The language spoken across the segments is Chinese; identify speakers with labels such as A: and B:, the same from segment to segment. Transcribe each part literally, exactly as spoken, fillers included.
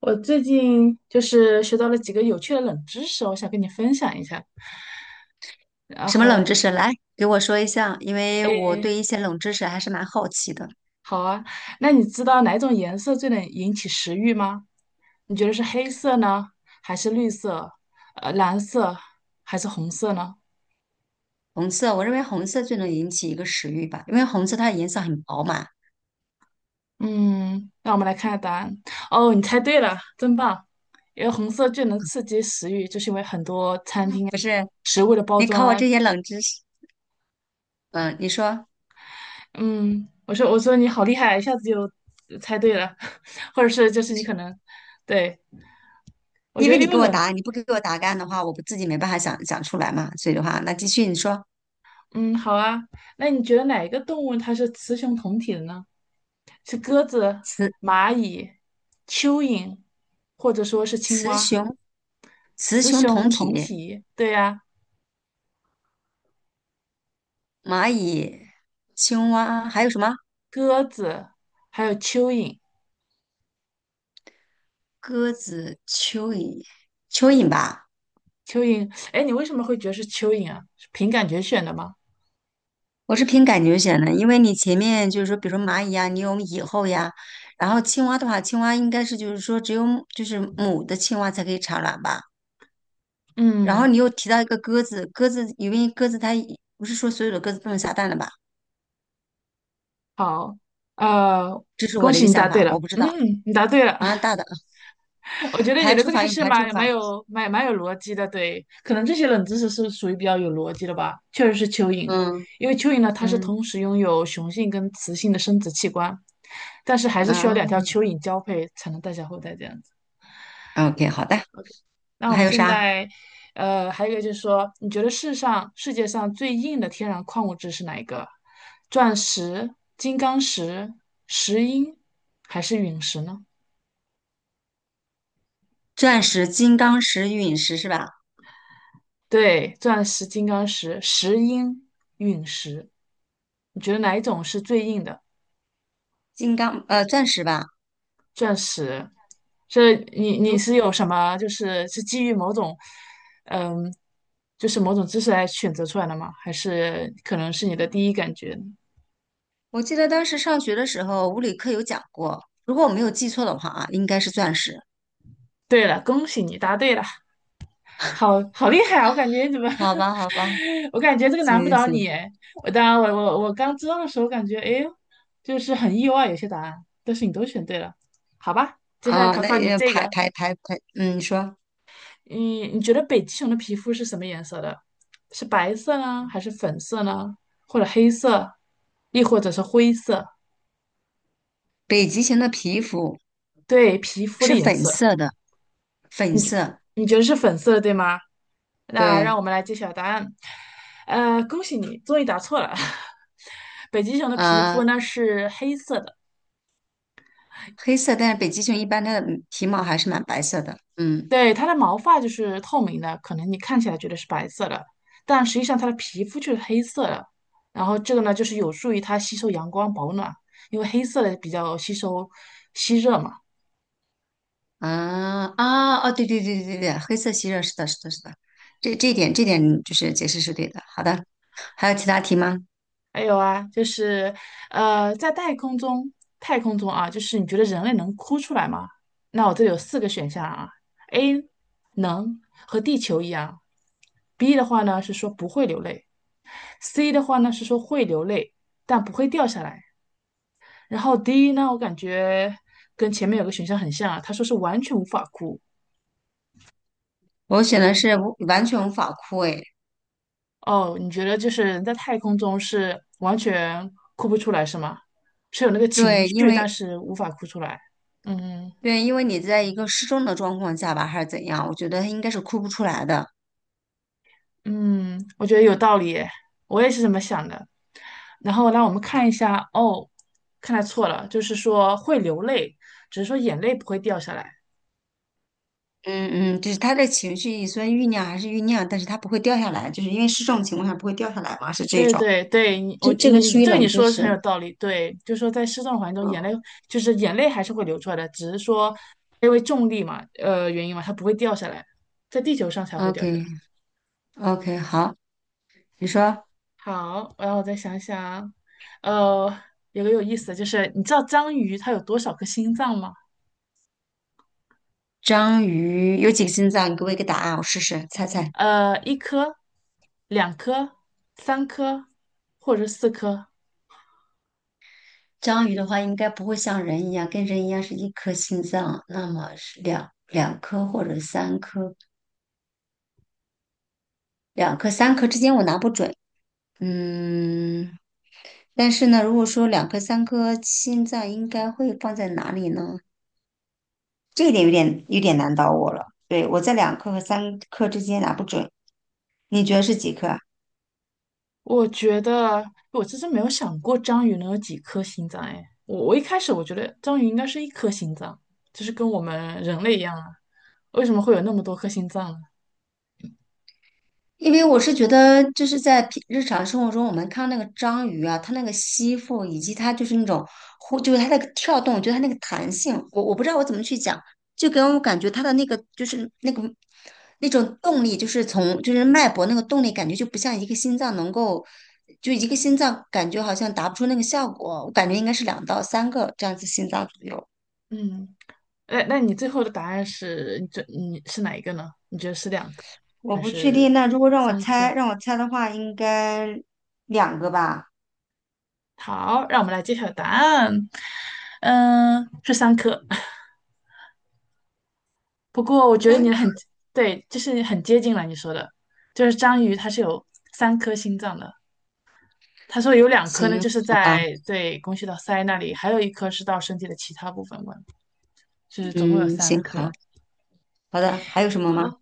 A: 我最近就是学到了几个有趣的冷知识，我想跟你分享一下。然
B: 什么冷
A: 后，
B: 知识？来给我说一下，因为我
A: 诶，
B: 对一些冷知识还是蛮好奇的。
A: 好啊，那你知道哪种颜色最能引起食欲吗？你觉得是黑色呢，还是绿色？呃，蓝色还是红色呢？
B: 红色，我认为红色最能引起一个食欲吧，因为红色它的颜色很饱满。
A: 嗯，那我们来看看答案。哦，你猜对了，真棒！因为红色最能刺激食欲，就是因为很多餐厅啊
B: 不是，
A: 食物的包
B: 你
A: 装
B: 考我
A: 啊
B: 这些冷知识，嗯，你说，
A: 嗯，我说我说你好厉害，一下子就猜对了，或者是就是你可能，对，我
B: 因
A: 觉
B: 为
A: 得
B: 你
A: 因为
B: 给我
A: 冷，
B: 答案，你不给我答案的话，我不自己没办法想想出来嘛。所以的话，那继续你说，
A: 嗯，好啊，那你觉得哪一个动物它是雌雄同体的呢？是鸽子、
B: 雌
A: 蚂蚁、蚯蚓，或者说是青
B: 雌
A: 蛙？
B: 雄雌
A: 雌
B: 雄同
A: 雄同
B: 体，
A: 体，对呀、
B: 蚂蚁、青蛙还有什么？
A: 鸽子还有蚯蚓，
B: 鸽子、蚯蚓、蚯蚓吧。
A: 蚯蚓，哎，你为什么会觉得是蚯蚓啊？是凭感觉选的吗？
B: 我是凭感觉选的，因为你前面就是说，比如说蚂蚁呀、你有蚁后呀，然后青蛙的话，青蛙应该是就是说只有母就是母的青蛙才可以产卵吧。然后
A: 嗯，
B: 你又提到一个鸽子，鸽子因为鸽子它一不是说所有的鸽子都能下蛋的吧？
A: 好，呃，
B: 这是
A: 恭
B: 我的一
A: 喜
B: 个
A: 你答
B: 想
A: 对
B: 法，
A: 了，
B: 我不知道
A: 嗯，你答对了。
B: 啊。大的
A: 我觉得你
B: 排
A: 的
B: 除
A: 这个
B: 法
A: 还
B: 用
A: 是
B: 排除
A: 蛮蛮
B: 法，
A: 有蛮蛮有逻辑的，对，可能这些冷知识是属于比较有逻辑的吧。确实是蚯蚓，
B: 嗯
A: 因为蚯蚓呢，它是
B: 嗯，
A: 同时拥有雄性跟雌性的生殖器官，但是还是需要两
B: 哦
A: 条蚯蚓交配才能诞下后代这样子。
B: ，OK，好的。
A: 那
B: 那
A: 我
B: 还
A: 们
B: 有
A: 现
B: 啥？
A: 在，呃，还有一个就是说，你觉得世上世界上最硬的天然矿物质是哪一个？钻石、金刚石、石英还是陨石呢？
B: 钻石、金刚石、陨石是吧？
A: 对，钻石、金刚石、石英、陨石，你觉得哪一种是最硬的？
B: 金刚呃，钻石吧。
A: 钻石，这你你是
B: 如
A: 有什么？就是是基于某种，嗯，就是某种知识来选择出来的吗？还是可能是你的第一感觉呢？
B: 我记得当时上学的时候，物理课有讲过，如果我没有记错的话啊，应该是钻石。
A: 对了，恭喜你答对了，好好厉害啊！我感觉你怎么，
B: 好吧，好吧，
A: 我感觉这个
B: 行
A: 难不
B: 行
A: 倒你
B: 行，
A: 诶。我当然，我我我刚知道的时候感觉，哎呦，就是很意外有些答案，但是你都选对了，好吧？接下来
B: 啊，
A: 考
B: 那
A: 考你
B: 也
A: 这
B: 排
A: 个。
B: 排排排，嗯，你说，
A: 嗯，你觉得北极熊的皮肤是什么颜色的？是白色呢，还是粉色呢？或者黑色，亦或者是灰色？
B: 北极熊的皮肤
A: 对，皮肤的
B: 是
A: 颜
B: 粉
A: 色，
B: 色的，粉
A: 你觉
B: 色，
A: 你觉得是粉色的，对吗？那让我
B: 对，
A: 们来揭晓答案。呃，恭喜你，终于答错了。北极熊的皮肤
B: 啊，
A: 呢是黑色的。
B: 黑色，但是北极熊一般它的皮毛还是蛮白色的，嗯，
A: 对，它的毛发就是透明的，可能你看起来觉得是白色的，但实际上它的皮肤就是黑色的。然后这个呢，就是有助于它吸收阳光保暖，因为黑色的比较吸收吸热嘛。
B: 啊啊哦，对对对对对对，黑色吸热，是的，是的，是的，这这一点这点就是解释是对的。好的，还有其他题吗？
A: 还有啊，就是呃，在太空中，太空中啊，就是你觉得人类能哭出来吗？那我这里有四个选项啊，A 能和地球一样，B 的话呢是说不会流泪，C 的话呢是说会流泪但不会掉下来。然后第一呢，我感觉跟前面有个选项很像啊，他说是完全无法哭。
B: 我选的是无完全无法枯萎。哎
A: 哦，你觉得就是人在太空中是完全哭不出来是吗？是有那个情
B: 对，因
A: 绪，
B: 为
A: 但是无法哭出来。嗯
B: 对，因为你在一个失重的状况下吧，还是怎样，我觉得他应该是哭不出来的。
A: 嗯，我觉得有道理耶我也是这么想的。然后让我们看一下，哦，看来错了，就是说会流泪，只是说眼泪不会掉下来。
B: 嗯嗯，就是他的情绪虽然酝酿还是酝酿，但是他不会掉下来，就是因为失重情况下不会掉下来嘛，是这
A: 对
B: 种。
A: 对对，你我
B: 这这个
A: 你
B: 属于
A: 这个
B: 冷
A: 你
B: 知
A: 说的是很有
B: 识。
A: 道理。对，就是说在失重的环境中，眼泪就是眼泪还是会流出来的，只是说因为重力嘛，呃原因嘛，它不会掉下来，在地球上才
B: 嗯
A: 会掉下来。
B: OK OK，好，你说
A: 好，然后我再想想，呃，有个有意思的就是，你知道章鱼它有多少颗心脏吗？
B: 章鱼有几个心脏？你给我一个答案，我试试猜猜。
A: 呃，一颗、两颗、三颗，或者是四颗。
B: 章鱼的话，应该不会像人一样，跟人一样是一颗心脏，那么是两两颗或者三颗，两颗三颗之间我拿不准。嗯，但是呢，如果说两颗、三颗心脏应该会放在哪里呢？这一点有点有点难倒我了。对，我在两颗和三颗之间拿不准，你觉得是几颗啊？
A: 我觉得我其实没有想过章鱼能有几颗心脏哎，我我一开始我觉得章鱼应该是一颗心脏，就是跟我们人类一样啊，为什么会有那么多颗心脏呢？
B: 因为我是觉得，就是在平日常生活中，我们看到那个章鱼啊，它那个吸附，以及它就是那种呼，就是它那个跳动，就是它那个弹性，我我不知道我怎么去讲，就给我感觉它的那个就是那个那种动力，就是从就是脉搏那个动力，感觉就不像一个心脏能够，就一个心脏感觉好像达不出那个效果，我感觉应该是两到三个这样子心脏左右，
A: 嗯，那那你最后的答案是，你这你是哪一个呢？你觉得是两颗
B: 我
A: 还
B: 不确
A: 是
B: 定。那如果让我
A: 三
B: 猜，
A: 颗？
B: 让我猜的话，应该两个吧，
A: 好，让我们来揭晓答案，嗯，是三颗。不过我觉得你
B: 三颗。
A: 很，对，就是很接近了你说的，就是章鱼它是有三颗心脏的。他说有两颗呢，
B: 行，
A: 就是
B: 好吧。
A: 在对供血到腮那里，还有一颗是到身体的其他部分管，就是总共有
B: 嗯，
A: 三
B: 行，好，
A: 颗。
B: 好的，还有什么吗？
A: 好，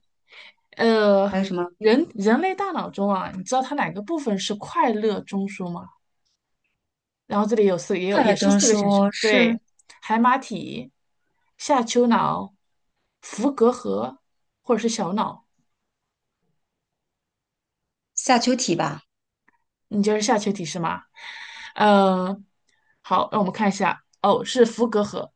B: 还
A: 呃，
B: 有什么？
A: 人人类大脑中啊，你知道它哪个部分是快乐中枢吗？然后这里有四，也有
B: 快乐
A: 也是
B: 中
A: 四个选项，
B: 说是
A: 对，海马体、下丘脑、伏隔核或者是小脑，
B: 下丘体吧？
A: 你就是下丘体是吗？嗯、好，让我们看一下，哦，是伏隔核，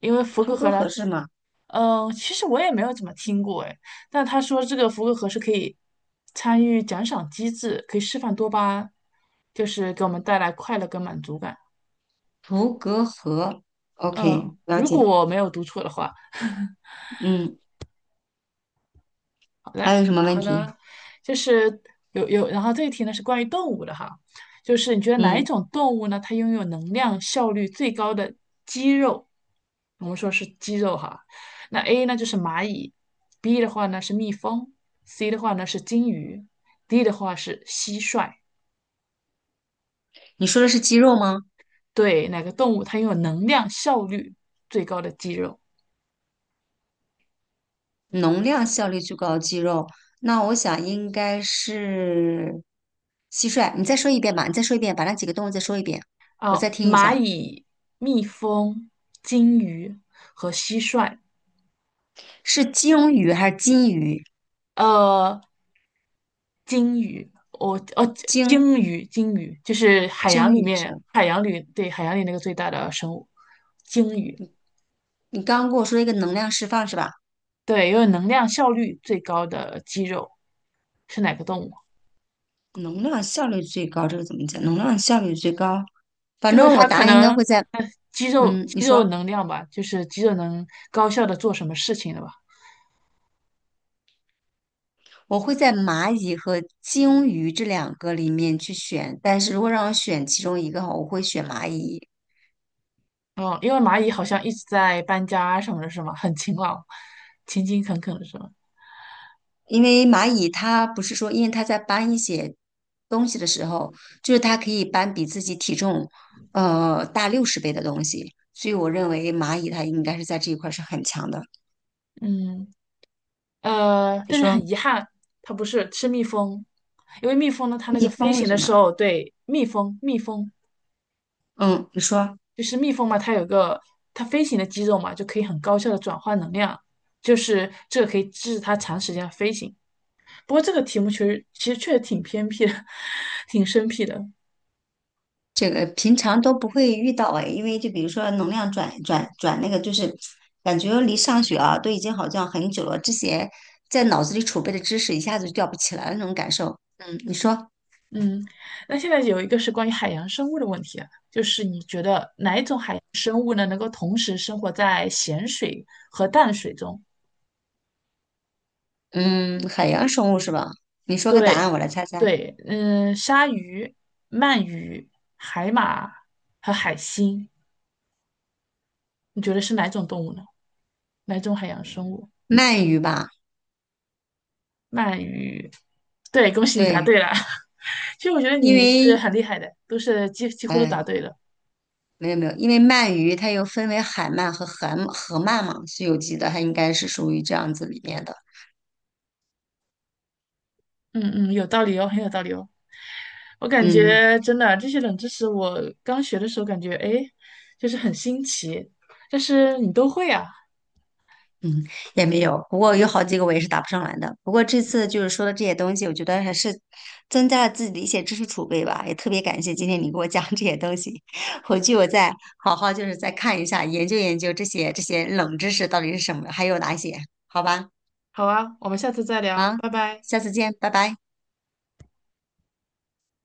A: 因为伏隔
B: 图
A: 核
B: 格
A: 呢，
B: 河是吗？
A: 嗯，呃其实我也没有怎么听过哎，但他说这个福克盒是可以参与奖赏机制，可以释放多巴胺，就是给我们带来快乐跟满足感。
B: 图格河，OK，
A: 嗯，
B: 了
A: 如果
B: 解。
A: 我没有读错的话，
B: 嗯，还
A: 来，
B: 有什么问
A: 好
B: 题？
A: 的，就是有有，然后这一题呢是关于动物的哈，就是你觉得哪一
B: 嗯，
A: 种动物呢，它拥有能量效率最高的肌肉？我们说是肌肉哈，那 A 呢就是蚂蚁，B 的话呢是蜜蜂，C 的话呢是金鱼，D 的话是蟋蟀。
B: 你说的是肌肉吗？
A: 对，哪个动物它拥有能量效率最高的肌肉？
B: 能量效率最高的肌肉，那我想应该是蟋蟀。你再说一遍吧，你再说一遍，把那几个动物再说一遍，我
A: 哦，
B: 再听一
A: 蚂
B: 下，
A: 蚁、蜜蜂、金鱼和蟋蟀。
B: 是鲸鱼还是金鱼？
A: 呃，鲸鱼，我哦，
B: 鲸
A: 鲸鱼，鲸鱼就是海洋
B: 鲸
A: 里
B: 鱼是
A: 面，
B: 吧？
A: 海洋里，对，海洋里那个最大的生物，鲸鱼，
B: 你刚刚跟我说一个能量释放是吧？
A: 对，因为能量效率最高的肌肉是哪个动物？
B: 能量效率最高，这个怎么讲？能量效率最高，反
A: 就是
B: 正我
A: 它
B: 答
A: 可
B: 案应该
A: 能
B: 会在，
A: 呃肌肉
B: 嗯，你
A: 肌肉
B: 说，
A: 能量吧，就是肌肉能高效的做什么事情的吧。
B: 我会在蚂蚁和鲸鱼这两个里面去选，但是如果让我选其中一个哈，我会选蚂蚁，
A: 哦，因为蚂蚁好像一直在搬家什么的，是吗？很勤劳，勤勤恳恳的是吗？
B: 因为蚂蚁它不是说，因为它在搬一些东西的时候，就是它可以搬比自己体重呃大六十倍的东西，所以我认为蚂蚁它应该是在这一块是很强的。
A: 嗯，呃，
B: 你
A: 但是
B: 说
A: 很遗憾，它不是是蜜蜂，因为蜜蜂呢，它那
B: 蜜
A: 个飞
B: 蜂为
A: 行
B: 什
A: 的
B: 么？
A: 时候，对，蜜蜂，蜜蜂
B: 嗯，你说。
A: 就是蜜蜂嘛，它有个它飞行的肌肉嘛，就可以很高效的转换能量，就是这个可以支持它长时间的飞行。不过这个题目其实其实确实挺偏僻的，挺生僻的。
B: 这个平常都不会遇到哎，因为就比如说能量转转转那个，就是感觉离上学啊都已经好像很久了，之前在脑子里储备的知识一下子就吊不起来了那种感受。嗯，你说，
A: 嗯，那现在有一个是关于海洋生物的问题啊，就是你觉得哪一种海洋生物呢，能够同时生活在咸水和淡水中？
B: 嗯，海洋生物是吧？你说个答案，
A: 对，
B: 我来猜猜。
A: 对，嗯、鲨鱼、鳗鱼、海马和海星，你觉得是哪种动物呢？哪种海洋生物？
B: 鳗鱼吧，
A: 鳗鱼，对，恭喜你答
B: 对，
A: 对了。其实我觉得
B: 因
A: 你是
B: 为，
A: 很厉害的，都是几几乎都
B: 哎，
A: 答对了。
B: 没有没有，因为鳗鱼它又分为海鳗和河河鳗嘛，《西游记》得它应该是属于这样子里面的。
A: 嗯嗯，有道理哦，很有道理哦。我感
B: 嗯。
A: 觉真的这些冷知识，我刚学的时候感觉哎，诶就是很新奇，但是你都会啊。
B: 嗯，也没有，不过有好几个我也是答不上来的。不过这次就是说的这些东西，我觉得还是增加了自己的一些知识储备吧。也特别感谢今天你给我讲这些东西，回去我再好好就是再看一下，研究研究这些这些冷知识到底是什么，还有哪些，好吧？
A: 好啊，我们下次再
B: 好，
A: 聊，拜拜。
B: 下次见，拜拜。